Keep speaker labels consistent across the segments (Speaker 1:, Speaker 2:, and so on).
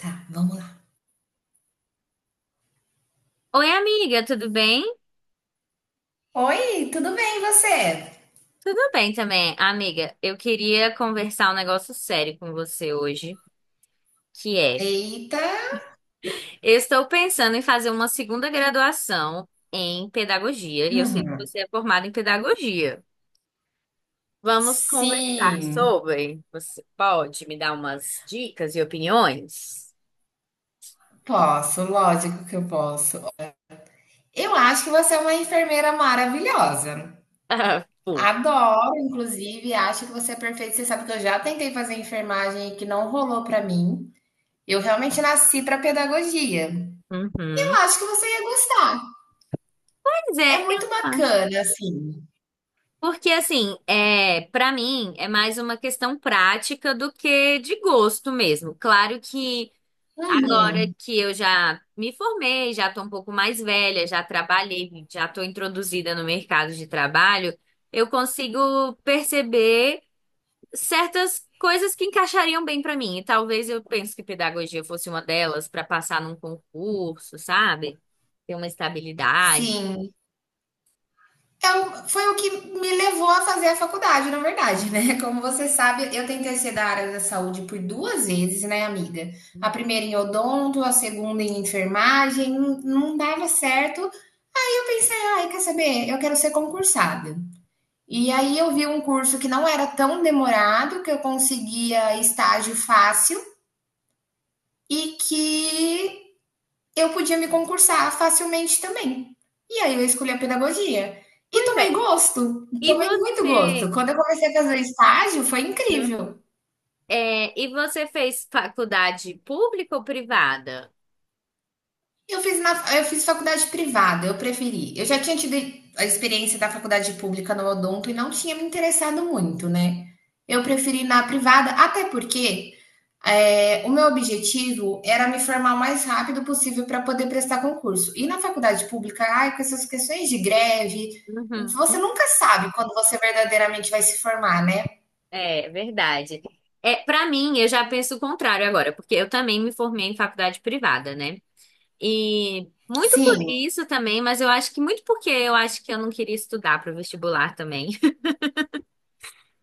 Speaker 1: Tá, vamos lá.
Speaker 2: Oi, amiga, tudo bem?
Speaker 1: Oi, tudo bem e você?
Speaker 2: Tudo bem também. Amiga, eu queria conversar um negócio sério com você hoje, que é,
Speaker 1: Eita!
Speaker 2: eu estou pensando em fazer uma segunda graduação em pedagogia, e eu sei que
Speaker 1: Uhum.
Speaker 2: você é formada em pedagogia. Vamos conversar
Speaker 1: Sim,
Speaker 2: sobre. Você pode me dar umas dicas e opiniões?
Speaker 1: posso, lógico que eu posso. Eu acho que você é uma enfermeira maravilhosa.
Speaker 2: Ah, pô.
Speaker 1: Adoro, inclusive, acho que você é perfeita. Você sabe que eu já tentei fazer enfermagem e que não rolou pra mim. Eu realmente nasci pra pedagogia.
Speaker 2: Uhum.
Speaker 1: Eu acho que você ia gostar.
Speaker 2: Pois
Speaker 1: É
Speaker 2: é, eu
Speaker 1: muito
Speaker 2: acho.
Speaker 1: bacana, assim.
Speaker 2: Porque assim, é, para mim é mais uma questão prática do que de gosto mesmo. Claro que Agora
Speaker 1: Uhum.
Speaker 2: que eu já me formei, já estou um pouco mais velha, já trabalhei, já estou introduzida no mercado de trabalho, eu consigo perceber certas coisas que encaixariam bem para mim. E talvez eu pense que pedagogia fosse uma delas para passar num concurso, sabe? Ter uma estabilidade.
Speaker 1: Sim. Foi o que me levou a fazer a faculdade, na verdade, né? Como você sabe, eu tentei ser da área da saúde por duas vezes, né, amiga? A primeira em odonto, a segunda em enfermagem, não dava certo. E eu pensei, ai, quer saber? Eu quero ser concursada. E aí eu vi um curso que não era tão demorado, que eu conseguia estágio fácil e que eu podia me concursar facilmente também. E aí eu escolhi a pedagogia. E
Speaker 2: Pois
Speaker 1: tomei
Speaker 2: é.
Speaker 1: gosto,
Speaker 2: E
Speaker 1: tomei muito gosto.
Speaker 2: você?
Speaker 1: Quando eu comecei a fazer o estágio, foi incrível.
Speaker 2: É, e você fez faculdade pública ou privada?
Speaker 1: Eu fiz, na, eu fiz faculdade privada, eu preferi. Eu já tinha tido a experiência da faculdade pública no Odonto e não tinha me interessado muito, né? Eu preferi ir na privada, até porque o meu objetivo era me formar o mais rápido possível para poder prestar concurso. E na faculdade pública, ai, com essas questões de greve,
Speaker 2: Uhum.
Speaker 1: você nunca sabe quando você verdadeiramente vai se formar, né?
Speaker 2: É, verdade. É, para mim, eu já penso o contrário agora, porque eu também me formei em faculdade privada, né? E muito por
Speaker 1: Sim,
Speaker 2: isso também, mas eu acho que muito porque eu acho que eu não queria estudar para o vestibular também.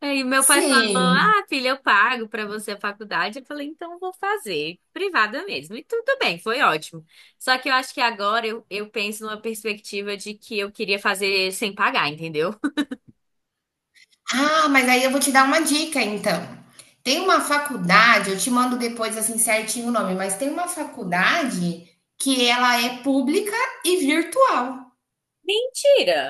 Speaker 2: Aí meu pai falou:
Speaker 1: sim.
Speaker 2: "Ah, filha, eu pago para você a faculdade". Eu falei: "Então eu vou fazer privada mesmo". E tudo bem, foi ótimo. Só que eu acho que agora eu penso numa perspectiva de que eu queria fazer sem pagar, entendeu?
Speaker 1: Ah, mas aí eu vou te dar uma dica, então. Tem uma faculdade, eu te mando depois assim certinho o nome, mas tem uma faculdade que ela é pública e virtual.
Speaker 2: Mentira!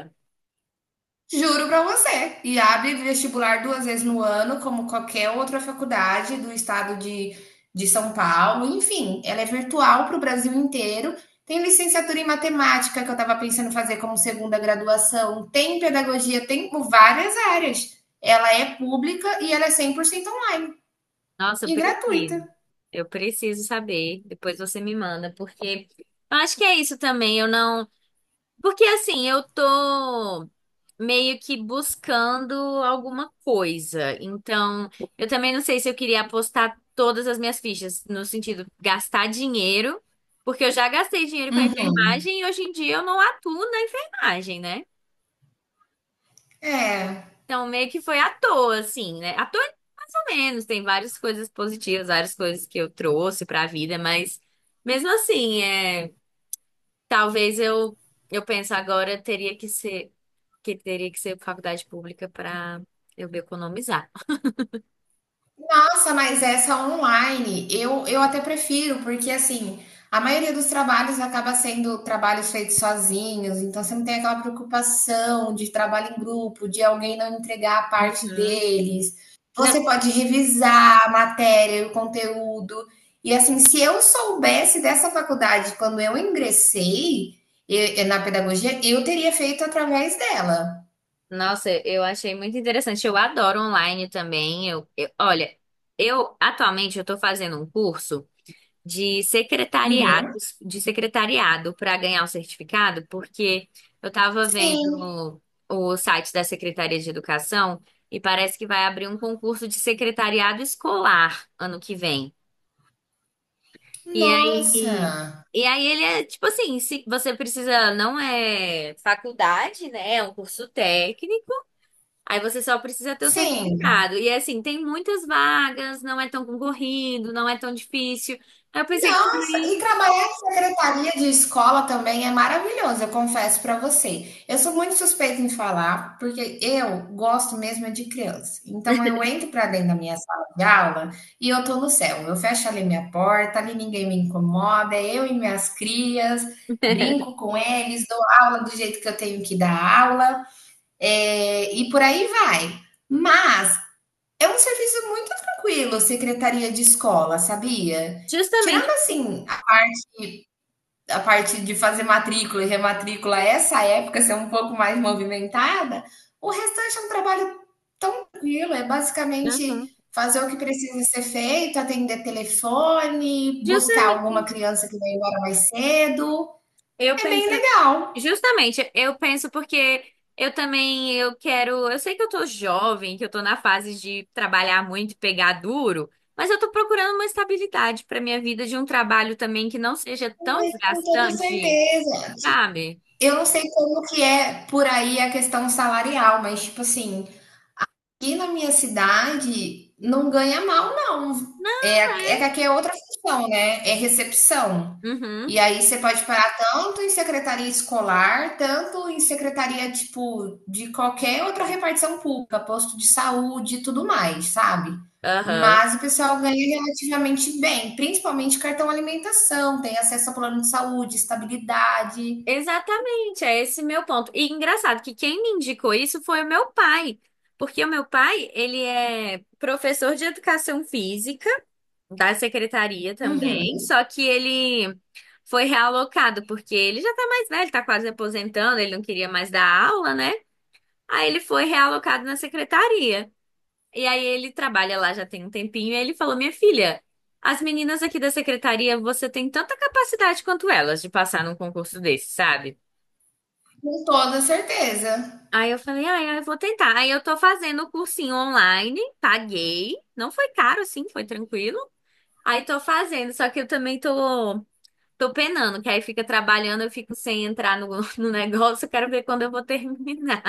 Speaker 1: Juro para você. E abre vestibular duas vezes no ano, como qualquer outra faculdade do estado de São Paulo. Enfim, ela é virtual para o Brasil inteiro. Tem licenciatura em matemática, que eu estava pensando em fazer como segunda graduação. Tem pedagogia, tem por várias áreas. Ela é pública e ela é 100% online
Speaker 2: Nossa, eu
Speaker 1: e gratuita.
Speaker 2: preciso. Eu preciso saber. Depois você me manda, porque eu acho que é isso também. Eu não. Porque assim, eu tô meio que buscando alguma coisa. Então, eu também não sei se eu queria apostar todas as minhas fichas, no sentido gastar dinheiro, porque eu já gastei dinheiro com a
Speaker 1: Uhum.
Speaker 2: enfermagem e hoje em dia eu não atuo na enfermagem, né?
Speaker 1: É.
Speaker 2: Então, meio que foi à toa, assim, né? À toa, mais ou menos. Tem várias coisas positivas, várias coisas que eu trouxe pra vida, mas mesmo assim, é, talvez eu penso agora teria que ser que teria que ser faculdade pública pra eu me economizar.
Speaker 1: Nossa, mas essa online, eu até prefiro, porque assim, a maioria dos trabalhos acaba sendo trabalhos feitos sozinhos, então você não tem aquela preocupação de trabalho em grupo, de alguém não entregar a parte
Speaker 2: Uhum.
Speaker 1: deles.
Speaker 2: Não,
Speaker 1: Você pode revisar a matéria e o conteúdo. E assim, se eu soubesse dessa faculdade quando eu ingressei na pedagogia, eu teria feito através dela.
Speaker 2: nossa, eu achei muito interessante. Eu adoro online também. Olha, eu atualmente eu tô fazendo um curso de
Speaker 1: Uhum.
Speaker 2: secretariados, de secretariado para ganhar o certificado, porque eu estava
Speaker 1: Sim,
Speaker 2: vendo o site da Secretaria de Educação e parece que vai abrir um concurso de secretariado escolar ano que vem. E aí,
Speaker 1: nossa.
Speaker 2: e aí ele é tipo assim, se você precisa, não é faculdade, né? É um curso técnico. Aí você só precisa ter o
Speaker 1: Sim.
Speaker 2: certificado. E assim, tem muitas vagas, não é tão concorrido, não é tão difícil. Aí eu pensei que
Speaker 1: Nossa, e
Speaker 2: também.
Speaker 1: trabalhar em secretaria de escola também é maravilhoso, eu confesso para você. Eu sou muito suspeita em falar, porque eu gosto mesmo é de criança. Então eu entro para dentro da minha sala de aula e eu tô no céu. Eu fecho ali minha porta, ali ninguém me incomoda, é eu e minhas crias, brinco com eles, dou aula do jeito que eu tenho que dar aula, e por aí vai. Mas é um serviço muito tranquilo, secretaria de escola, sabia? Tirando
Speaker 2: Justamente.
Speaker 1: assim, a parte de fazer matrícula e rematrícula, essa época ser um pouco mais movimentada, o restante é um trabalho tão tranquilo, é
Speaker 2: Aham.
Speaker 1: basicamente fazer o que precisa ser feito, atender telefone, buscar alguma
Speaker 2: Justamente.
Speaker 1: criança que vai embora mais cedo.
Speaker 2: Eu
Speaker 1: É
Speaker 2: penso,
Speaker 1: bem legal.
Speaker 2: justamente, eu penso porque eu também eu quero, eu sei que eu tô jovem, que eu tô na fase de trabalhar muito e pegar duro, mas eu tô procurando uma estabilidade pra minha vida de um trabalho também que não seja tão
Speaker 1: Com toda
Speaker 2: desgastante,
Speaker 1: certeza.
Speaker 2: sabe?
Speaker 1: Eu não sei como que é por aí a questão salarial, mas tipo assim, aqui na minha cidade não ganha mal não. É, é que aqui é outra função, né, é recepção.
Speaker 2: Uhum.
Speaker 1: E aí você pode parar tanto em secretaria escolar, tanto em secretaria, tipo, de qualquer outra repartição pública, posto de saúde e tudo mais, sabe.
Speaker 2: Aham.
Speaker 1: Mas o pessoal ganha relativamente bem, principalmente cartão alimentação, tem acesso a plano de saúde, estabilidade.
Speaker 2: Exatamente, é esse meu ponto. E engraçado que quem me indicou isso foi o meu pai, porque o meu pai, ele é professor de educação física da secretaria também,
Speaker 1: Uhum,
Speaker 2: só que ele foi realocado, porque ele já tá mais velho, tá quase aposentando, ele não queria mais dar aula, né? Aí ele foi realocado na secretaria. E aí ele trabalha lá já tem um tempinho, e ele falou: "Minha filha, as meninas aqui da secretaria, você tem tanta capacidade quanto elas de passar num concurso desse, sabe?"
Speaker 1: com toda certeza.
Speaker 2: Aí eu falei, ah, eu vou tentar. Aí eu tô fazendo o cursinho online, paguei. Não foi caro, assim, foi tranquilo. Aí tô fazendo, só que eu também tô penando, que aí fica trabalhando, eu fico sem entrar no, no negócio, eu quero ver quando eu vou terminar.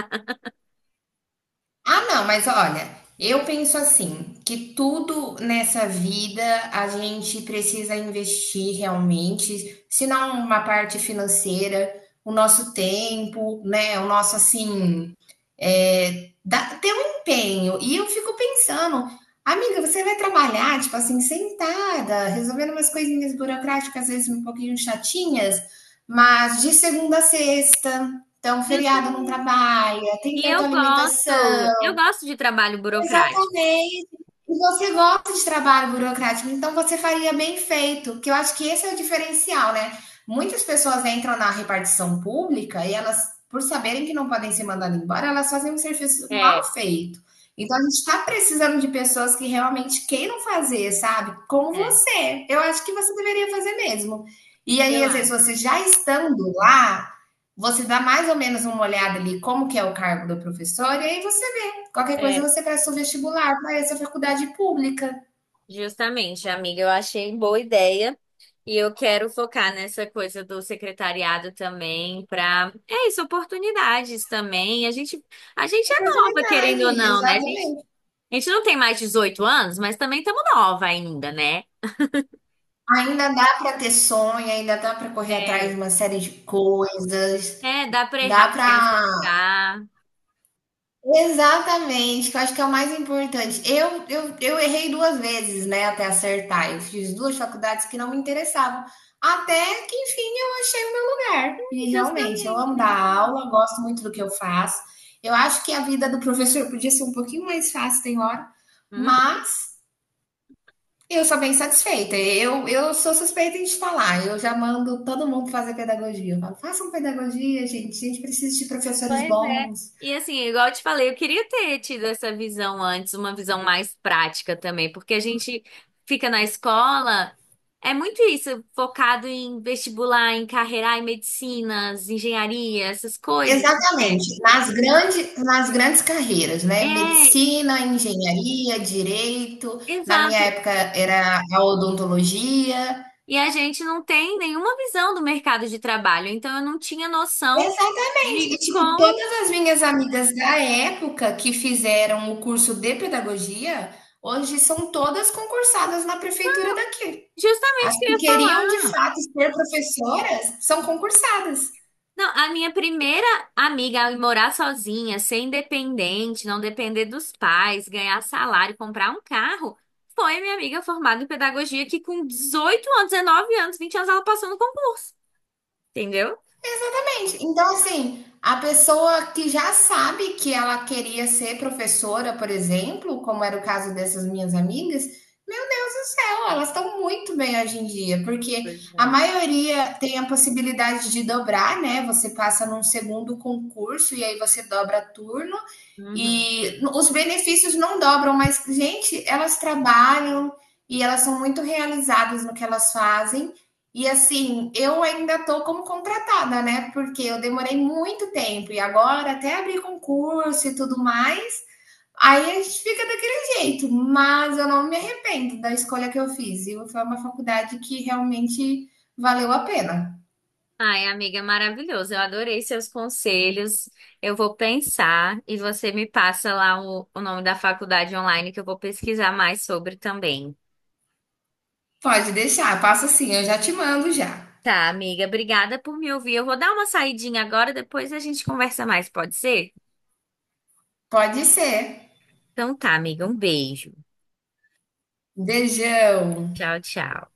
Speaker 1: Ah, não, mas olha, eu penso assim, que tudo nessa vida a gente precisa investir realmente, se não uma parte financeira, o nosso tempo, né? O nosso assim, ter um empenho. E eu fico pensando, amiga, você vai trabalhar, tipo assim, sentada, resolvendo umas coisinhas burocráticas, às vezes um pouquinho chatinhas, mas de segunda a sexta, então feriado não
Speaker 2: Justamente.
Speaker 1: trabalha, tem
Speaker 2: E
Speaker 1: cartão
Speaker 2: eu
Speaker 1: alimentação.
Speaker 2: gosto, de trabalho burocrático.
Speaker 1: Exatamente. E você gosta de trabalho burocrático, então você faria bem feito, que eu acho que esse é o diferencial, né? Muitas pessoas entram na repartição pública e elas, por saberem que não podem ser mandadas embora, elas fazem um serviço mal
Speaker 2: É,
Speaker 1: feito. Então a gente está precisando de pessoas que realmente queiram fazer, sabe? Como
Speaker 2: é,
Speaker 1: você. Eu acho que você deveria fazer mesmo. E aí,
Speaker 2: eu
Speaker 1: às vezes,
Speaker 2: acho.
Speaker 1: você já estando lá, você dá mais ou menos uma olhada ali como que é o cargo do professor, e aí você qualquer coisa
Speaker 2: É,
Speaker 1: você presta o vestibular para essa faculdade pública.
Speaker 2: justamente, amiga, eu achei boa ideia. E eu quero focar nessa coisa do secretariado também, para é isso, oportunidades também. A gente é nova, querendo
Speaker 1: Oportunidade,
Speaker 2: ou não, né? A gente,
Speaker 1: exatamente.
Speaker 2: a gente não tem mais 18 anos, mas também estamos nova ainda, né?
Speaker 1: Ainda dá para ter sonho, ainda dá para correr atrás de
Speaker 2: É.
Speaker 1: uma série de coisas,
Speaker 2: É, dá pra errar,
Speaker 1: dá
Speaker 2: é assim
Speaker 1: para
Speaker 2: que dá.
Speaker 1: exatamente, que eu acho que é o mais importante. Eu errei duas vezes, né, até acertar. Eu fiz duas faculdades que não me interessavam. Até que, enfim, eu achei o meu lugar. E realmente, eu
Speaker 2: Justamente.
Speaker 1: amo dar aula, gosto muito do que eu faço. Eu acho que a vida do professor podia ser um pouquinho mais fácil, tem hora,
Speaker 2: Hum.
Speaker 1: mas eu sou bem satisfeita. Eu sou suspeita de falar. Eu já mando todo mundo fazer pedagogia. Eu falo, façam pedagogia, gente. A gente precisa de professores
Speaker 2: Pois é.
Speaker 1: bons.
Speaker 2: E assim, igual eu te falei, eu queria ter tido essa visão antes, uma visão mais prática também, porque a gente fica na escola, é muito isso, focado em vestibular, em carreira, em medicinas, engenharia, essas coisas.
Speaker 1: Exatamente. Nas grandes carreiras, né?
Speaker 2: É,
Speaker 1: Medicina, engenharia, direito. Na minha
Speaker 2: exato.
Speaker 1: época era a odontologia.
Speaker 2: E a gente não tem nenhuma visão do mercado de trabalho, então eu não tinha noção
Speaker 1: Exatamente. E,
Speaker 2: de
Speaker 1: tipo,
Speaker 2: como
Speaker 1: todas as minhas amigas da época que fizeram o curso de pedagogia, hoje são todas concursadas na prefeitura daqui. As
Speaker 2: justamente que eu
Speaker 1: que
Speaker 2: ia
Speaker 1: queriam de
Speaker 2: falar.
Speaker 1: fato ser professoras são concursadas.
Speaker 2: Não, a minha primeira amiga a morar sozinha, ser independente, não depender dos pais, ganhar salário, comprar um carro, foi minha amiga formada em pedagogia que com 18 anos, 19 anos, 20 anos, ela passou no concurso, entendeu?
Speaker 1: Exatamente. Então, assim, a pessoa que já sabe que ela queria ser professora, por exemplo, como era o caso dessas minhas amigas, meu Deus do céu, elas estão muito bem hoje em dia, porque
Speaker 2: Pois
Speaker 1: a
Speaker 2: é.
Speaker 1: maioria tem a possibilidade de dobrar, né? Você passa num segundo concurso e aí você dobra turno.
Speaker 2: Uhum.
Speaker 1: E os benefícios não dobram, mas, gente, elas trabalham e elas são muito realizadas no que elas fazem. E assim, eu ainda tô como contratada, né? Porque eu demorei muito tempo e agora até abrir concurso e tudo mais, aí a gente fica daquele jeito. Mas eu não me arrependo da escolha que eu fiz. E foi uma faculdade que realmente valeu a pena.
Speaker 2: Ai, amiga, maravilhoso. Eu adorei seus conselhos. Eu vou pensar e você me passa lá o nome da faculdade online que eu vou pesquisar mais sobre também.
Speaker 1: Pode deixar, passa assim, eu já te mando já.
Speaker 2: Tá, amiga, obrigada por me ouvir. Eu vou dar uma saidinha agora, depois a gente conversa mais, pode ser?
Speaker 1: Pode ser.
Speaker 2: Então tá, amiga, um beijo.
Speaker 1: Beijão.
Speaker 2: Tchau, tchau.